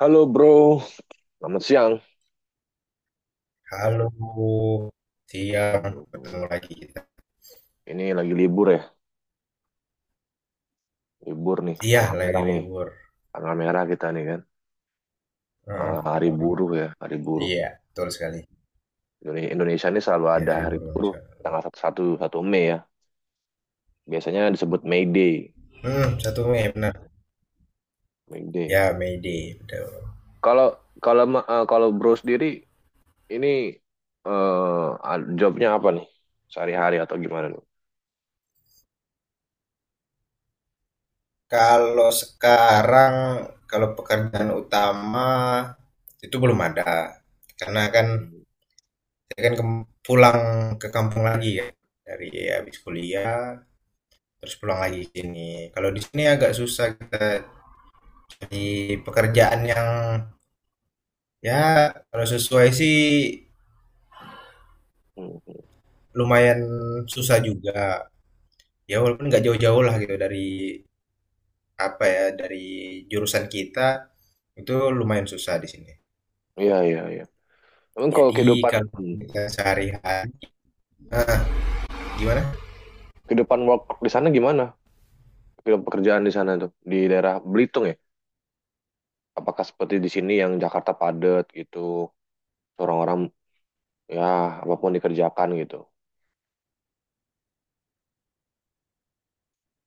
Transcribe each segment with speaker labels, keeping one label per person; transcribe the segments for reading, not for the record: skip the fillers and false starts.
Speaker 1: Halo, bro, selamat siang.
Speaker 2: Halo, siang
Speaker 1: Halo,
Speaker 2: ketemu
Speaker 1: bro.
Speaker 2: lagi kita.
Speaker 1: Ini lagi libur ya, libur
Speaker 2: Iya, lagi
Speaker 1: nih,
Speaker 2: libur.
Speaker 1: tanggal merah kita nih kan.
Speaker 2: Heeh,
Speaker 1: Eh, hari
Speaker 2: benar.
Speaker 1: buruh ya, hari buruh.
Speaker 2: Iya, betul sekali.
Speaker 1: Indonesia ini selalu
Speaker 2: Ya,
Speaker 1: ada
Speaker 2: hari
Speaker 1: hari
Speaker 2: buruh
Speaker 1: buruh
Speaker 2: nasional.
Speaker 1: tanggal satu satu satu Mei ya, biasanya disebut May Day,
Speaker 2: Hmm, 1 Mei benar.
Speaker 1: May Day.
Speaker 2: Ya, May Day, betul.
Speaker 1: Kalau kalau ma- eh, Kalau bro sendiri ini jobnya apa nih, sehari-hari atau gimana nih?
Speaker 2: Kalau sekarang, kalau pekerjaan utama itu belum ada, karena kan
Speaker 1: Hmm,
Speaker 2: saya kan pulang ke kampung lagi ya dari habis kuliah, terus pulang lagi ke sini. Kalau di sini agak susah kita di pekerjaan. Ya, kalau sesuai sih
Speaker 1: hmm, hmm.
Speaker 2: lumayan susah juga. Ya walaupun nggak jauh-jauh lah gitu dari apa ya dari jurusan kita itu lumayan susah di sini.
Speaker 1: Iya, iya, iya. Emang kalau
Speaker 2: Jadi
Speaker 1: kehidupan
Speaker 2: kalau kita sehari-hari gimana?
Speaker 1: kehidupan work di sana gimana? Ke pekerjaan di sana tuh di daerah Belitung ya? Apakah seperti di sini yang Jakarta padat gitu, orang-orang, ya, apapun dikerjakan gitu.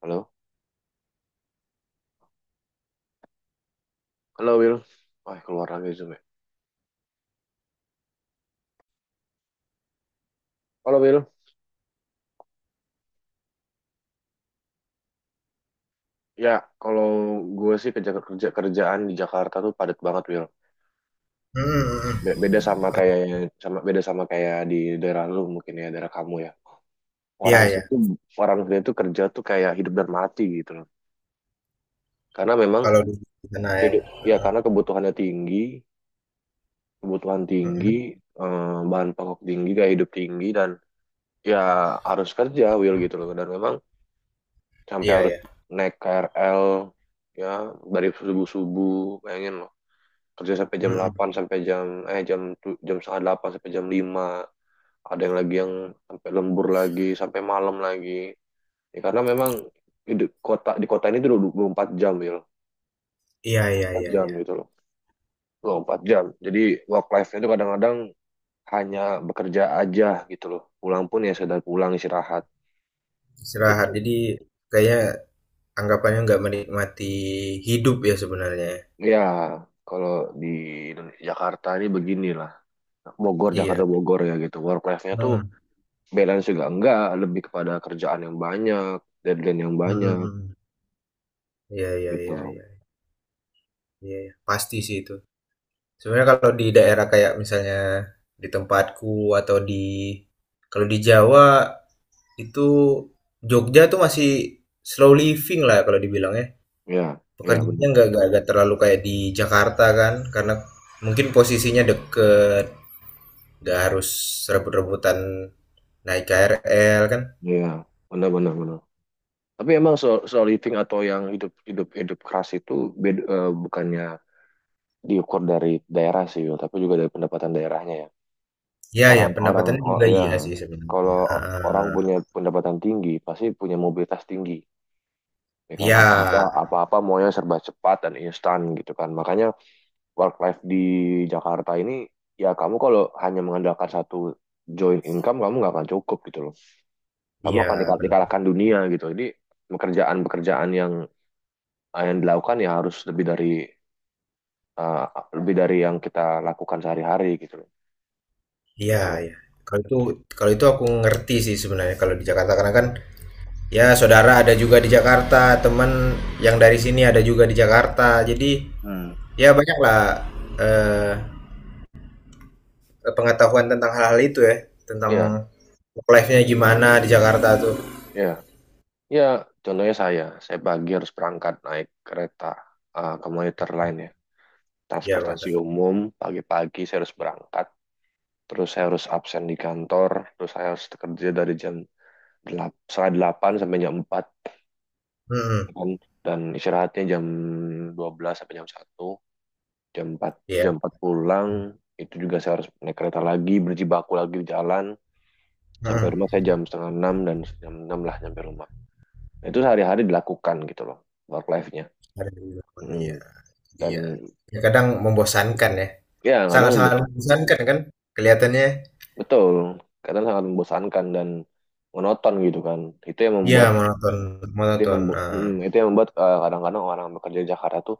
Speaker 1: Halo, halo Will. Wah, keluar lagi zoom ya. Halo Will. Ya, kalau gue sih kerja kerja kerjaan di Jakarta tuh padat banget, Will.
Speaker 2: Hmm, hmm,
Speaker 1: Beda
Speaker 2: hmm.
Speaker 1: sama kayak, beda sama kayak di daerah lu, mungkin ya, daerah kamu ya.
Speaker 2: Iya
Speaker 1: Orang
Speaker 2: ya.
Speaker 1: situ Orang situ tuh kerja tuh kayak hidup dan mati gitu loh. Karena memang
Speaker 2: Kalau di sana ya.
Speaker 1: ya, karena kebutuhannya tinggi, kebutuhan
Speaker 2: Hmm,
Speaker 1: tinggi,
Speaker 2: hmm.
Speaker 1: bahan pokok tinggi, gaya hidup tinggi, dan ya harus kerja, Will, gitu loh. Dan memang sampai
Speaker 2: Iya
Speaker 1: harus
Speaker 2: ya.
Speaker 1: naik KRL, ya, dari subuh-subuh, bayangin loh. Kerja sampai jam
Speaker 2: Hmm, hmm.
Speaker 1: 8 sampai jam setengah 8 sampai jam lima. Ada yang sampai lembur lagi, sampai malam lagi. Ya, karena memang di kota, di kota ini tuh 24 jam, Will.
Speaker 2: Iya
Speaker 1: Dua puluh
Speaker 2: iya
Speaker 1: empat
Speaker 2: iya
Speaker 1: jam
Speaker 2: iya.
Speaker 1: gitu loh. Dua puluh empat jam. Jadi work life-nya itu kadang-kadang hanya bekerja aja gitu loh. Pulang pun ya sekedar pulang istirahat
Speaker 2: Istirahat.
Speaker 1: gitu.
Speaker 2: Jadi kayaknya anggapannya nggak menikmati hidup ya sebenarnya. Ya.
Speaker 1: Ya, kalau di Jakarta ini beginilah. Bogor,
Speaker 2: Iya.
Speaker 1: Jakarta Bogor ya gitu. Work life-nya tuh
Speaker 2: Hmm,
Speaker 1: balance juga enggak, lebih kepada kerjaan yang banyak, deadline yang
Speaker 2: hmm,
Speaker 1: banyak
Speaker 2: hmm, hmm. Iya iya
Speaker 1: gitu
Speaker 2: iya.
Speaker 1: loh.
Speaker 2: Iya. Iya, iya. Pasti sih itu. Sebenarnya kalau di daerah kayak misalnya di tempatku atau di kalau di Jawa itu Jogja tuh masih slow living lah kalau dibilang ya.
Speaker 1: Ya, ya
Speaker 2: Pekerjaannya
Speaker 1: benar.
Speaker 2: nggak terlalu kayak di Jakarta kan, karena mungkin posisinya deket, nggak harus rebut-rebutan naik KRL kan.
Speaker 1: Ya, benar, benar, benar. Tapi emang slow living atau yang hidup hidup hidup keras itu bukannya diukur dari daerah sih, Wil, tapi juga dari pendapatan daerahnya ya.
Speaker 2: Ya ya
Speaker 1: Orang-orang,
Speaker 2: pendapatannya
Speaker 1: oh
Speaker 2: juga
Speaker 1: ya,
Speaker 2: iya sih sebenarnya.
Speaker 1: kalau orang
Speaker 2: Ah,
Speaker 1: punya pendapatan tinggi, pasti punya mobilitas tinggi, ya kan?
Speaker 2: iya,
Speaker 1: Apa-apa, apa-apa maunya serba cepat dan instan gitu kan. Makanya work life di Jakarta ini, ya kamu kalau hanya mengandalkan satu joint income, kamu nggak akan cukup gitu loh. Kamu
Speaker 2: iya
Speaker 1: akan
Speaker 2: benar.
Speaker 1: dikalahkan dunia gitu. Jadi pekerjaan-pekerjaan yang dilakukan ya harus uh, lebih dari yang kita lakukan sehari-hari gitu loh,
Speaker 2: Iya,
Speaker 1: gitu loh.
Speaker 2: iya. Kalau itu kalau itu aku ngerti sih sebenarnya kalau di Jakarta karena kan
Speaker 1: Hmm.
Speaker 2: ya saudara ada juga di Jakarta, teman yang dari sini ada juga di Jakarta. Jadi
Speaker 1: Hmm.
Speaker 2: ya banyaklah eh, pengetahuan tentang hal-hal itu ya,
Speaker 1: Iya,
Speaker 2: tentang work life-nya gimana di Jakarta tuh.
Speaker 1: iya. Ya, contohnya saya pagi harus berangkat naik kereta, komuter lain ya,
Speaker 2: Iya,
Speaker 1: transportasi
Speaker 2: benar.
Speaker 1: umum. Pagi-pagi saya harus berangkat, terus saya harus absen di kantor, terus saya harus kerja dari jam 8, setengah 8 sampai jam 4
Speaker 2: Hmm,
Speaker 1: kan? Dan istirahatnya jam 12 sampai jam satu, jam 4 jam
Speaker 2: iya.
Speaker 1: 4 pulang, itu juga saya harus naik kereta lagi, berjibaku lagi di jalan, sampai
Speaker 2: Hmm,
Speaker 1: rumah saya jam setengah 6 dan jam 6 lah sampai rumah. Nah, itu sehari-hari dilakukan gitu loh, work life-nya.
Speaker 2: ada di Jakarta. Iya,
Speaker 1: Hmm.
Speaker 2: iya.
Speaker 1: Dan
Speaker 2: Ya, kadang membosankan ya.
Speaker 1: ya kadang
Speaker 2: Sangat-sangat membosankan kan kelihatannya.
Speaker 1: betul, kadang sangat membosankan dan monoton gitu kan, itu yang
Speaker 2: Iya,
Speaker 1: membuat
Speaker 2: monoton, monoton. Eh.
Speaker 1: itu yang membuat, eh, kadang-kadang orang bekerja di Jakarta tuh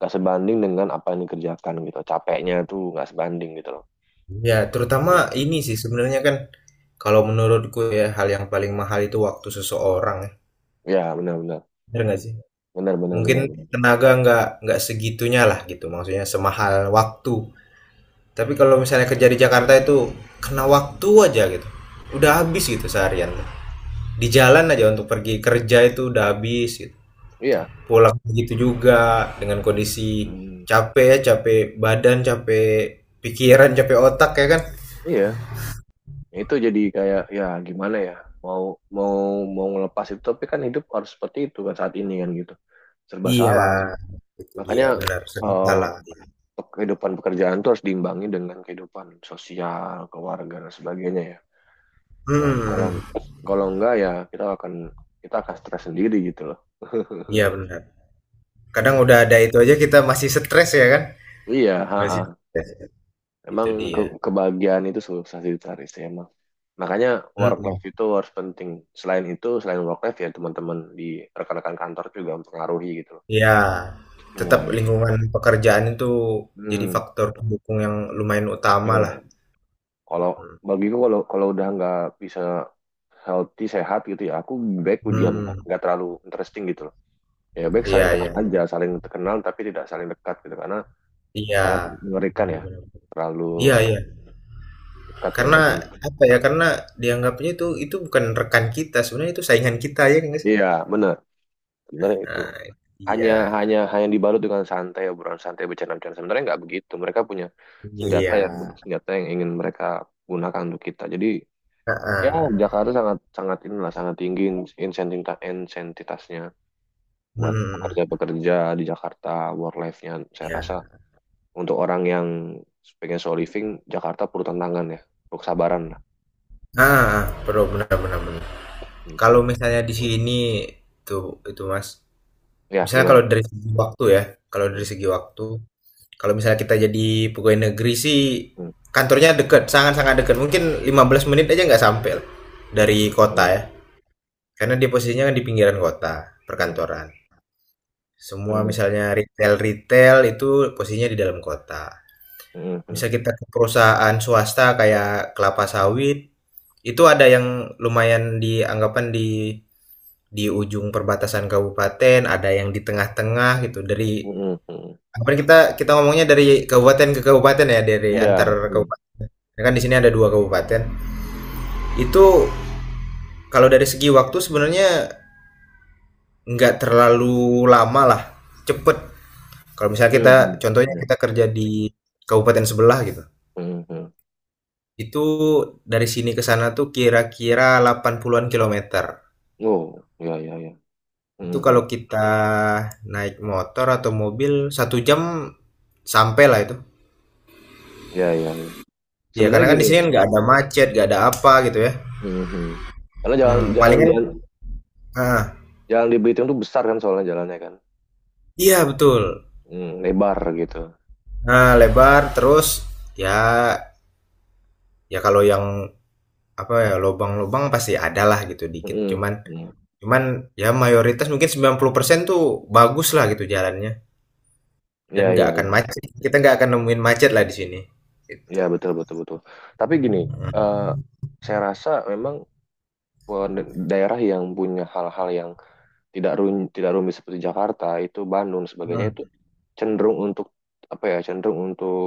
Speaker 1: gak sebanding dengan apa yang dikerjakan gitu, capeknya tuh gak sebanding gitu loh.
Speaker 2: Ya, terutama ini sih sebenarnya kan kalau menurutku ya hal yang paling mahal itu waktu seseorang, ya.
Speaker 1: ya benar-benar
Speaker 2: Bener nggak sih?
Speaker 1: Benar-benar
Speaker 2: Mungkin
Speaker 1: benar,
Speaker 2: tenaga nggak segitunya lah gitu, maksudnya semahal waktu. Tapi kalau misalnya kerja di Jakarta itu kena waktu aja gitu, udah habis gitu seharian. Di jalan aja untuk pergi kerja itu udah habis gitu.
Speaker 1: iya.
Speaker 2: Pulang begitu juga dengan kondisi
Speaker 1: Hmm,
Speaker 2: capek ya, capek badan, capek pikiran, capek otak ya kan?
Speaker 1: iya, itu jadi kayak, ya gimana ya, mau mau mau ngelepas itu tapi kan hidup harus seperti itu kan saat ini kan gitu, serba
Speaker 2: Iya,
Speaker 1: salah.
Speaker 2: itu dia
Speaker 1: Makanya,
Speaker 2: benar, sering
Speaker 1: eh,
Speaker 2: salah.
Speaker 1: kehidupan pekerjaan tuh harus diimbangi dengan kehidupan sosial, keluarga dan sebagainya ya. Ya, kalau
Speaker 2: Hmm,
Speaker 1: kalau enggak ya kita akan stres sendiri gitu loh.
Speaker 2: iya benar. Kadang
Speaker 1: Gitu.
Speaker 2: udah ada itu aja kita masih stres ya kan?
Speaker 1: Iya, ha
Speaker 2: Masih
Speaker 1: -ha.
Speaker 2: stres, ya. Itu
Speaker 1: Emang ke
Speaker 2: dia.
Speaker 1: kebahagiaan itu susah dicari sih emang. Makanya work
Speaker 2: Mhm,
Speaker 1: life itu harus penting. Selain itu, selain work life ya teman-teman di rekan-rekan kantor juga mempengaruhi gitu loh.
Speaker 2: iya, tetap
Speaker 1: Wah, gitu.
Speaker 2: lingkungan pekerjaan itu jadi
Speaker 1: Hmm,
Speaker 2: faktor pendukung yang lumayan utama lah,
Speaker 1: iya. Kalau
Speaker 2: mhm,
Speaker 1: bagiku kalau kalau udah nggak bisa healthy sehat gitu ya, aku baik diam kok,
Speaker 2: mhm,
Speaker 1: nggak terlalu interesting gitu. Ya, baik
Speaker 2: iya
Speaker 1: saling kenal
Speaker 2: iya iya.
Speaker 1: aja saling terkenal tapi tidak saling dekat gitu, karena
Speaker 2: Iya,
Speaker 1: sangat mengerikan
Speaker 2: benar
Speaker 1: ya
Speaker 2: benar.
Speaker 1: terlalu
Speaker 2: Iya iya,
Speaker 1: dekat dengan
Speaker 2: karena
Speaker 1: dekat.
Speaker 2: apa ya, karena dianggapnya itu bukan rekan kita, sebenarnya itu saingan kita ya nggak sih?
Speaker 1: Iya benar, sebenarnya itu
Speaker 2: Nah,
Speaker 1: hanya
Speaker 2: iya,
Speaker 1: hanya hanya dibalut dengan santai, obrolan santai, bercanda-bercanda, sebenarnya nggak begitu mereka punya senjata
Speaker 2: iya,
Speaker 1: yang senjata yang ingin mereka gunakan untuk kita, jadi ya
Speaker 2: heeh.
Speaker 1: Jakarta sangat sangat inilah, sangat tinggi insentitasnya buat
Speaker 2: Mhm
Speaker 1: pekerja-pekerja di Jakarta. Work life-nya saya rasa
Speaker 2: ya.
Speaker 1: untuk orang yang pengen solo living, Jakarta perlu tantangan ya, perlu kesabaran lah
Speaker 2: Ah, perlu, benar-benar. Bener. Kalau
Speaker 1: gitu,
Speaker 2: misalnya di sini tuh itu, Mas,
Speaker 1: ya
Speaker 2: misalnya
Speaker 1: gimana.
Speaker 2: kalau dari
Speaker 1: Hmm,
Speaker 2: segi waktu, kalau misalnya kita jadi pegawai negeri sih
Speaker 1: hmm,
Speaker 2: kantornya deket, sangat-sangat deket, mungkin 15 menit aja nggak sampai lah dari kota ya,
Speaker 1: hmm,
Speaker 2: karena dia posisinya kan di pinggiran kota,
Speaker 1: hmm,
Speaker 2: perkantoran. Semua
Speaker 1: hmm,
Speaker 2: misalnya retail-retail itu posisinya di dalam kota.
Speaker 1: hmm, hmm,
Speaker 2: Misal kita ke perusahaan swasta kayak kelapa sawit, itu ada yang lumayan dianggapan di di ujung perbatasan kabupaten, ada yang di tengah-tengah gitu. Dari
Speaker 1: hmm, hmm. Hmm.
Speaker 2: anggapan kita kita ngomongnya dari kabupaten ke kabupaten ya, dari
Speaker 1: Iya.
Speaker 2: antar
Speaker 1: Hmm,
Speaker 2: kabupaten. Karena kan di sini ada dua kabupaten. Itu kalau dari segi waktu sebenarnya nggak terlalu lama lah, cepet. Kalau misalnya
Speaker 1: hmm,
Speaker 2: kita
Speaker 1: hmm,
Speaker 2: contohnya kita
Speaker 1: iya.
Speaker 2: kerja di kabupaten sebelah gitu.
Speaker 1: Hmm, hmm.
Speaker 2: Itu dari sini ke sana tuh kira-kira 80-an kilometer.
Speaker 1: Oh ya, ya, ya.
Speaker 2: Itu
Speaker 1: Hmm, hmm.
Speaker 2: kalau kita naik motor atau mobil 1 jam sampai lah itu.
Speaker 1: Ya, ya, ya,
Speaker 2: Ya
Speaker 1: sebenarnya
Speaker 2: karena kan di
Speaker 1: gini.
Speaker 2: sini kan nggak ada macet, nggak ada apa gitu ya.
Speaker 1: Hmm, hmm. Karena
Speaker 2: Hmm, palingan,
Speaker 1: jalan,
Speaker 2: ah,
Speaker 1: jalan di Belitung tuh besar kan soalnya jalannya kan
Speaker 2: iya betul.
Speaker 1: hmm lebar gitu.
Speaker 2: Nah lebar terus ya ya kalau yang apa ya lobang-lobang pasti ada lah gitu dikit.
Speaker 1: Hmm,
Speaker 2: Cuman
Speaker 1: hmm.
Speaker 2: cuman ya mayoritas mungkin 90% tuh bagus lah gitu jalannya dan
Speaker 1: Ya, ya,
Speaker 2: nggak akan
Speaker 1: ya.
Speaker 2: macet. Kita nggak akan nemuin macet lah di sini.
Speaker 1: Ya,
Speaker 2: Gitu.
Speaker 1: betul, betul, betul, tapi gini, eh, saya rasa memang, daerah yang punya hal-hal yang tidak rumit seperti Jakarta itu Bandung dan sebagainya itu
Speaker 2: Mmm,
Speaker 1: cenderung untuk apa ya, cenderung untuk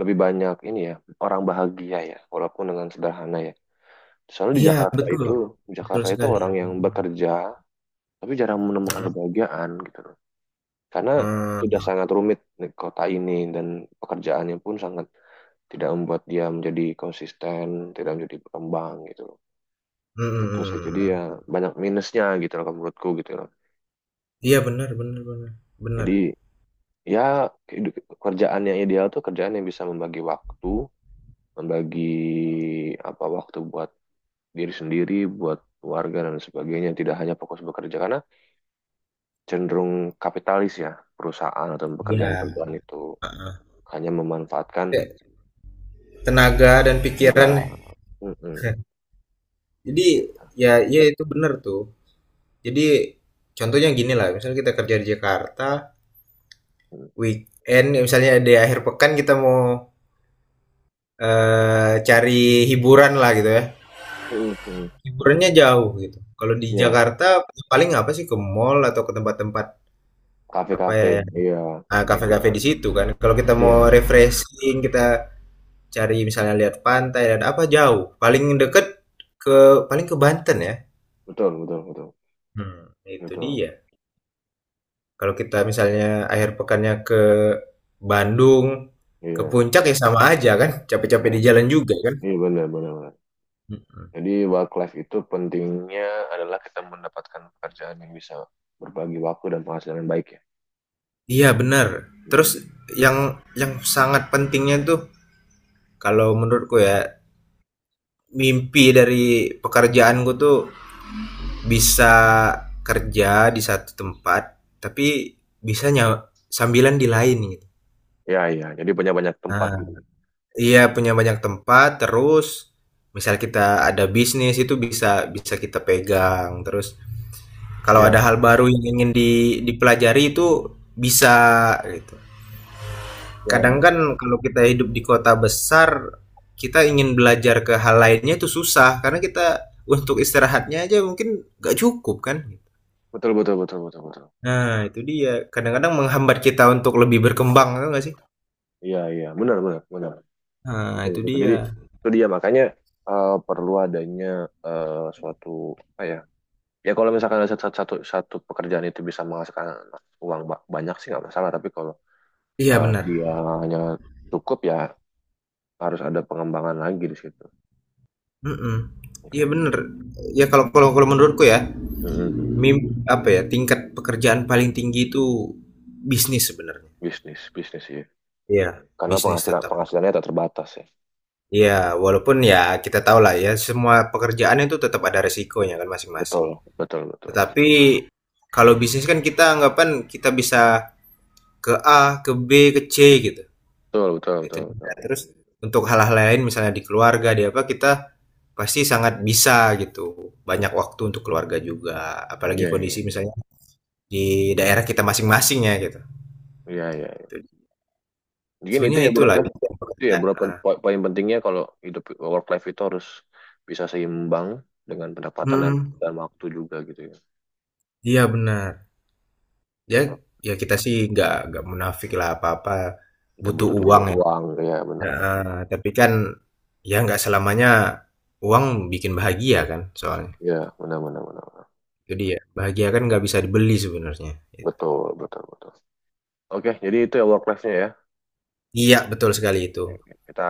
Speaker 1: lebih banyak ini ya, orang bahagia ya walaupun dengan sederhana ya, soalnya
Speaker 2: iya betul,
Speaker 1: Di
Speaker 2: betul
Speaker 1: Jakarta itu
Speaker 2: sekali,
Speaker 1: orang yang
Speaker 2: mhm,
Speaker 1: bekerja tapi jarang menemukan kebahagiaan gitu loh, karena sudah
Speaker 2: eee,
Speaker 1: sangat rumit di kota ini dan pekerjaannya pun sangat tidak membuat dia menjadi konsisten, tidak menjadi berkembang gitu loh.
Speaker 2: mhm
Speaker 1: Gitu sih, jadi
Speaker 2: mhm.
Speaker 1: ya banyak minusnya gitu loh kalau menurutku gitu loh.
Speaker 2: Iya benar benar benar benar.
Speaker 1: Jadi ya, kehidu- kerjaan yang ideal tuh kerjaan yang bisa membagi waktu, membagi apa, waktu buat diri sendiri, buat keluarga dan sebagainya, tidak hanya fokus bekerja karena cenderung kapitalis ya, perusahaan atau
Speaker 2: Iya,
Speaker 1: pekerjaan-pekerjaan itu hanya memanfaatkan
Speaker 2: kayak tenaga dan
Speaker 1: tenaga.
Speaker 2: pikiran
Speaker 1: Mm-mm,
Speaker 2: jadi
Speaker 1: gitu.
Speaker 2: ya ya itu benar tuh. Jadi contohnya gini lah misalnya kita kerja di Jakarta, weekend ya misalnya di akhir pekan kita mau, cari hiburan lah gitu ya,
Speaker 1: Mm-mm, mm-mm.
Speaker 2: hiburannya jauh gitu. Kalau di
Speaker 1: Iya,
Speaker 2: Jakarta paling apa sih, ke mall atau ke tempat-tempat apa
Speaker 1: kafe-kafe,
Speaker 2: ya
Speaker 1: iya, mm-mm,
Speaker 2: kafe-kafe di situ kan. Kalau kita mau
Speaker 1: iya,
Speaker 2: refreshing, kita cari misalnya lihat pantai dan apa jauh. Paling
Speaker 1: mm,
Speaker 2: deket ke paling ke Banten ya.
Speaker 1: betul, betul, betul,
Speaker 2: Hmm, itu
Speaker 1: betul,
Speaker 2: dia. Kalau kita misalnya
Speaker 1: mm,
Speaker 2: akhir pekannya ke Bandung, ke
Speaker 1: iya,
Speaker 2: puncak ya sama aja kan. Capek-capek
Speaker 1: benar,
Speaker 2: di jalan juga kan.
Speaker 1: iya benar, benar.
Speaker 2: Mm-mm.
Speaker 1: Jadi work life itu pentingnya adalah kita mendapatkan pekerjaan yang bisa berbagi waktu dan penghasilan yang baik ya.
Speaker 2: Iya benar.
Speaker 1: Iya,
Speaker 2: Terus yang yang sangat pentingnya tuh kalau menurutku ya mimpi dari pekerjaanku tuh bisa kerja di satu tempat tapi bisa sambilan di lain gitu.
Speaker 1: iya, iya. Jadi banyak-banyak tempat
Speaker 2: Nah,
Speaker 1: gitu.
Speaker 2: iya punya banyak tempat terus misal kita ada bisnis itu bisa bisa kita pegang terus kalau
Speaker 1: Iya,
Speaker 2: ada hal baru yang ingin dipelajari itu bisa gitu.
Speaker 1: iya, iya.
Speaker 2: Kadang kan kalau kita hidup di kota besar kita ingin belajar ke hal lainnya itu susah karena kita untuk istirahatnya aja mungkin gak cukup kan.
Speaker 1: Betul, betul, betul, betul, betul.
Speaker 2: Nah, itu dia. Kadang-kadang menghambat kita untuk lebih berkembang, tau nggak sih?
Speaker 1: Iya, iya. Benar, benar, benar.
Speaker 2: Nah,
Speaker 1: Betul,
Speaker 2: itu
Speaker 1: betul.
Speaker 2: dia.
Speaker 1: Jadi itu dia makanya, eh, perlu adanya, eh, suatu apa ya? Ya kalau misalkan ada satu pekerjaan itu bisa menghasilkan uang banyak sih nggak masalah. Tapi kalau
Speaker 2: Iya,
Speaker 1: eh,
Speaker 2: benar.
Speaker 1: dia hanya cukup ya, harus ada pengembangan lagi di situ.
Speaker 2: Mhm. Iya,
Speaker 1: Oke.
Speaker 2: benar. Ya kalau kalau kalau menurutku ya,
Speaker 1: Mm-mm.
Speaker 2: mim apa ya, tingkat pekerjaan paling tinggi itu bisnis sebenarnya.
Speaker 1: Bisnis, bisnis sih,
Speaker 2: Iya,
Speaker 1: karena
Speaker 2: bisnis tetap.
Speaker 1: penghasilannya tak terbatas ya.
Speaker 2: Iya, walaupun ya kita tahu lah ya, semua pekerjaan itu tetap ada resikonya kan masing-masing.
Speaker 1: Betul, betul, betul,
Speaker 2: Tetapi kalau bisnis kan kita anggapan kita bisa ke A, ke B, ke C gitu.
Speaker 1: betul, betul,
Speaker 2: Itu
Speaker 1: betul,
Speaker 2: dia.
Speaker 1: betul.
Speaker 2: Terus untuk hal-hal lain misalnya di keluarga, di apa, kita pasti sangat bisa gitu. Banyak waktu untuk keluarga juga, apalagi
Speaker 1: Iya, iya,
Speaker 2: kondisi misalnya di daerah kita masing masingnya gitu.
Speaker 1: iya, iya,
Speaker 2: Itu
Speaker 1: iya.
Speaker 2: dia.
Speaker 1: Mungkin itu
Speaker 2: Sebenarnya
Speaker 1: ya bro
Speaker 2: itulah
Speaker 1: ya,
Speaker 2: impian
Speaker 1: itu ya
Speaker 2: pekerjaan.
Speaker 1: bro
Speaker 2: Ah.
Speaker 1: poin pentingnya kalau hidup work life itu harus bisa seimbang dengan pendapatan
Speaker 2: Mhm.
Speaker 1: dan waktu juga gitu ya.
Speaker 2: Iya benar. Ya ya kita sih nggak munafik lah apa-apa
Speaker 1: Kita
Speaker 2: butuh
Speaker 1: butuh dulu
Speaker 2: uang ya.
Speaker 1: uang ya, benar, benar,
Speaker 2: Heeh, tapi kan ya nggak selamanya uang bikin bahagia kan soalnya.
Speaker 1: ya benar, benar, benar, benar.
Speaker 2: Jadi ya bahagia kan nggak bisa dibeli sebenarnya, gitu.
Speaker 1: Betul, betul, betul. Oke, jadi itu ya work life-nya ya
Speaker 2: Iya betul sekali itu.
Speaker 1: kita.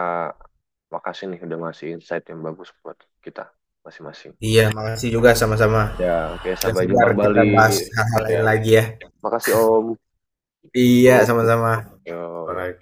Speaker 1: Makasih nih udah ngasih insight yang bagus buat kita masing-masing.
Speaker 2: Iya, makasih juga sama-sama.
Speaker 1: Ya, oke,
Speaker 2: Gak
Speaker 1: sampai jumpa
Speaker 2: sabar
Speaker 1: kembali.
Speaker 2: kita bahas hal-hal
Speaker 1: Ya,
Speaker 2: lain lagi ya.
Speaker 1: makasih Om.
Speaker 2: Iya,
Speaker 1: Tuh.
Speaker 2: sama-sama.
Speaker 1: Yo,
Speaker 2: Alright.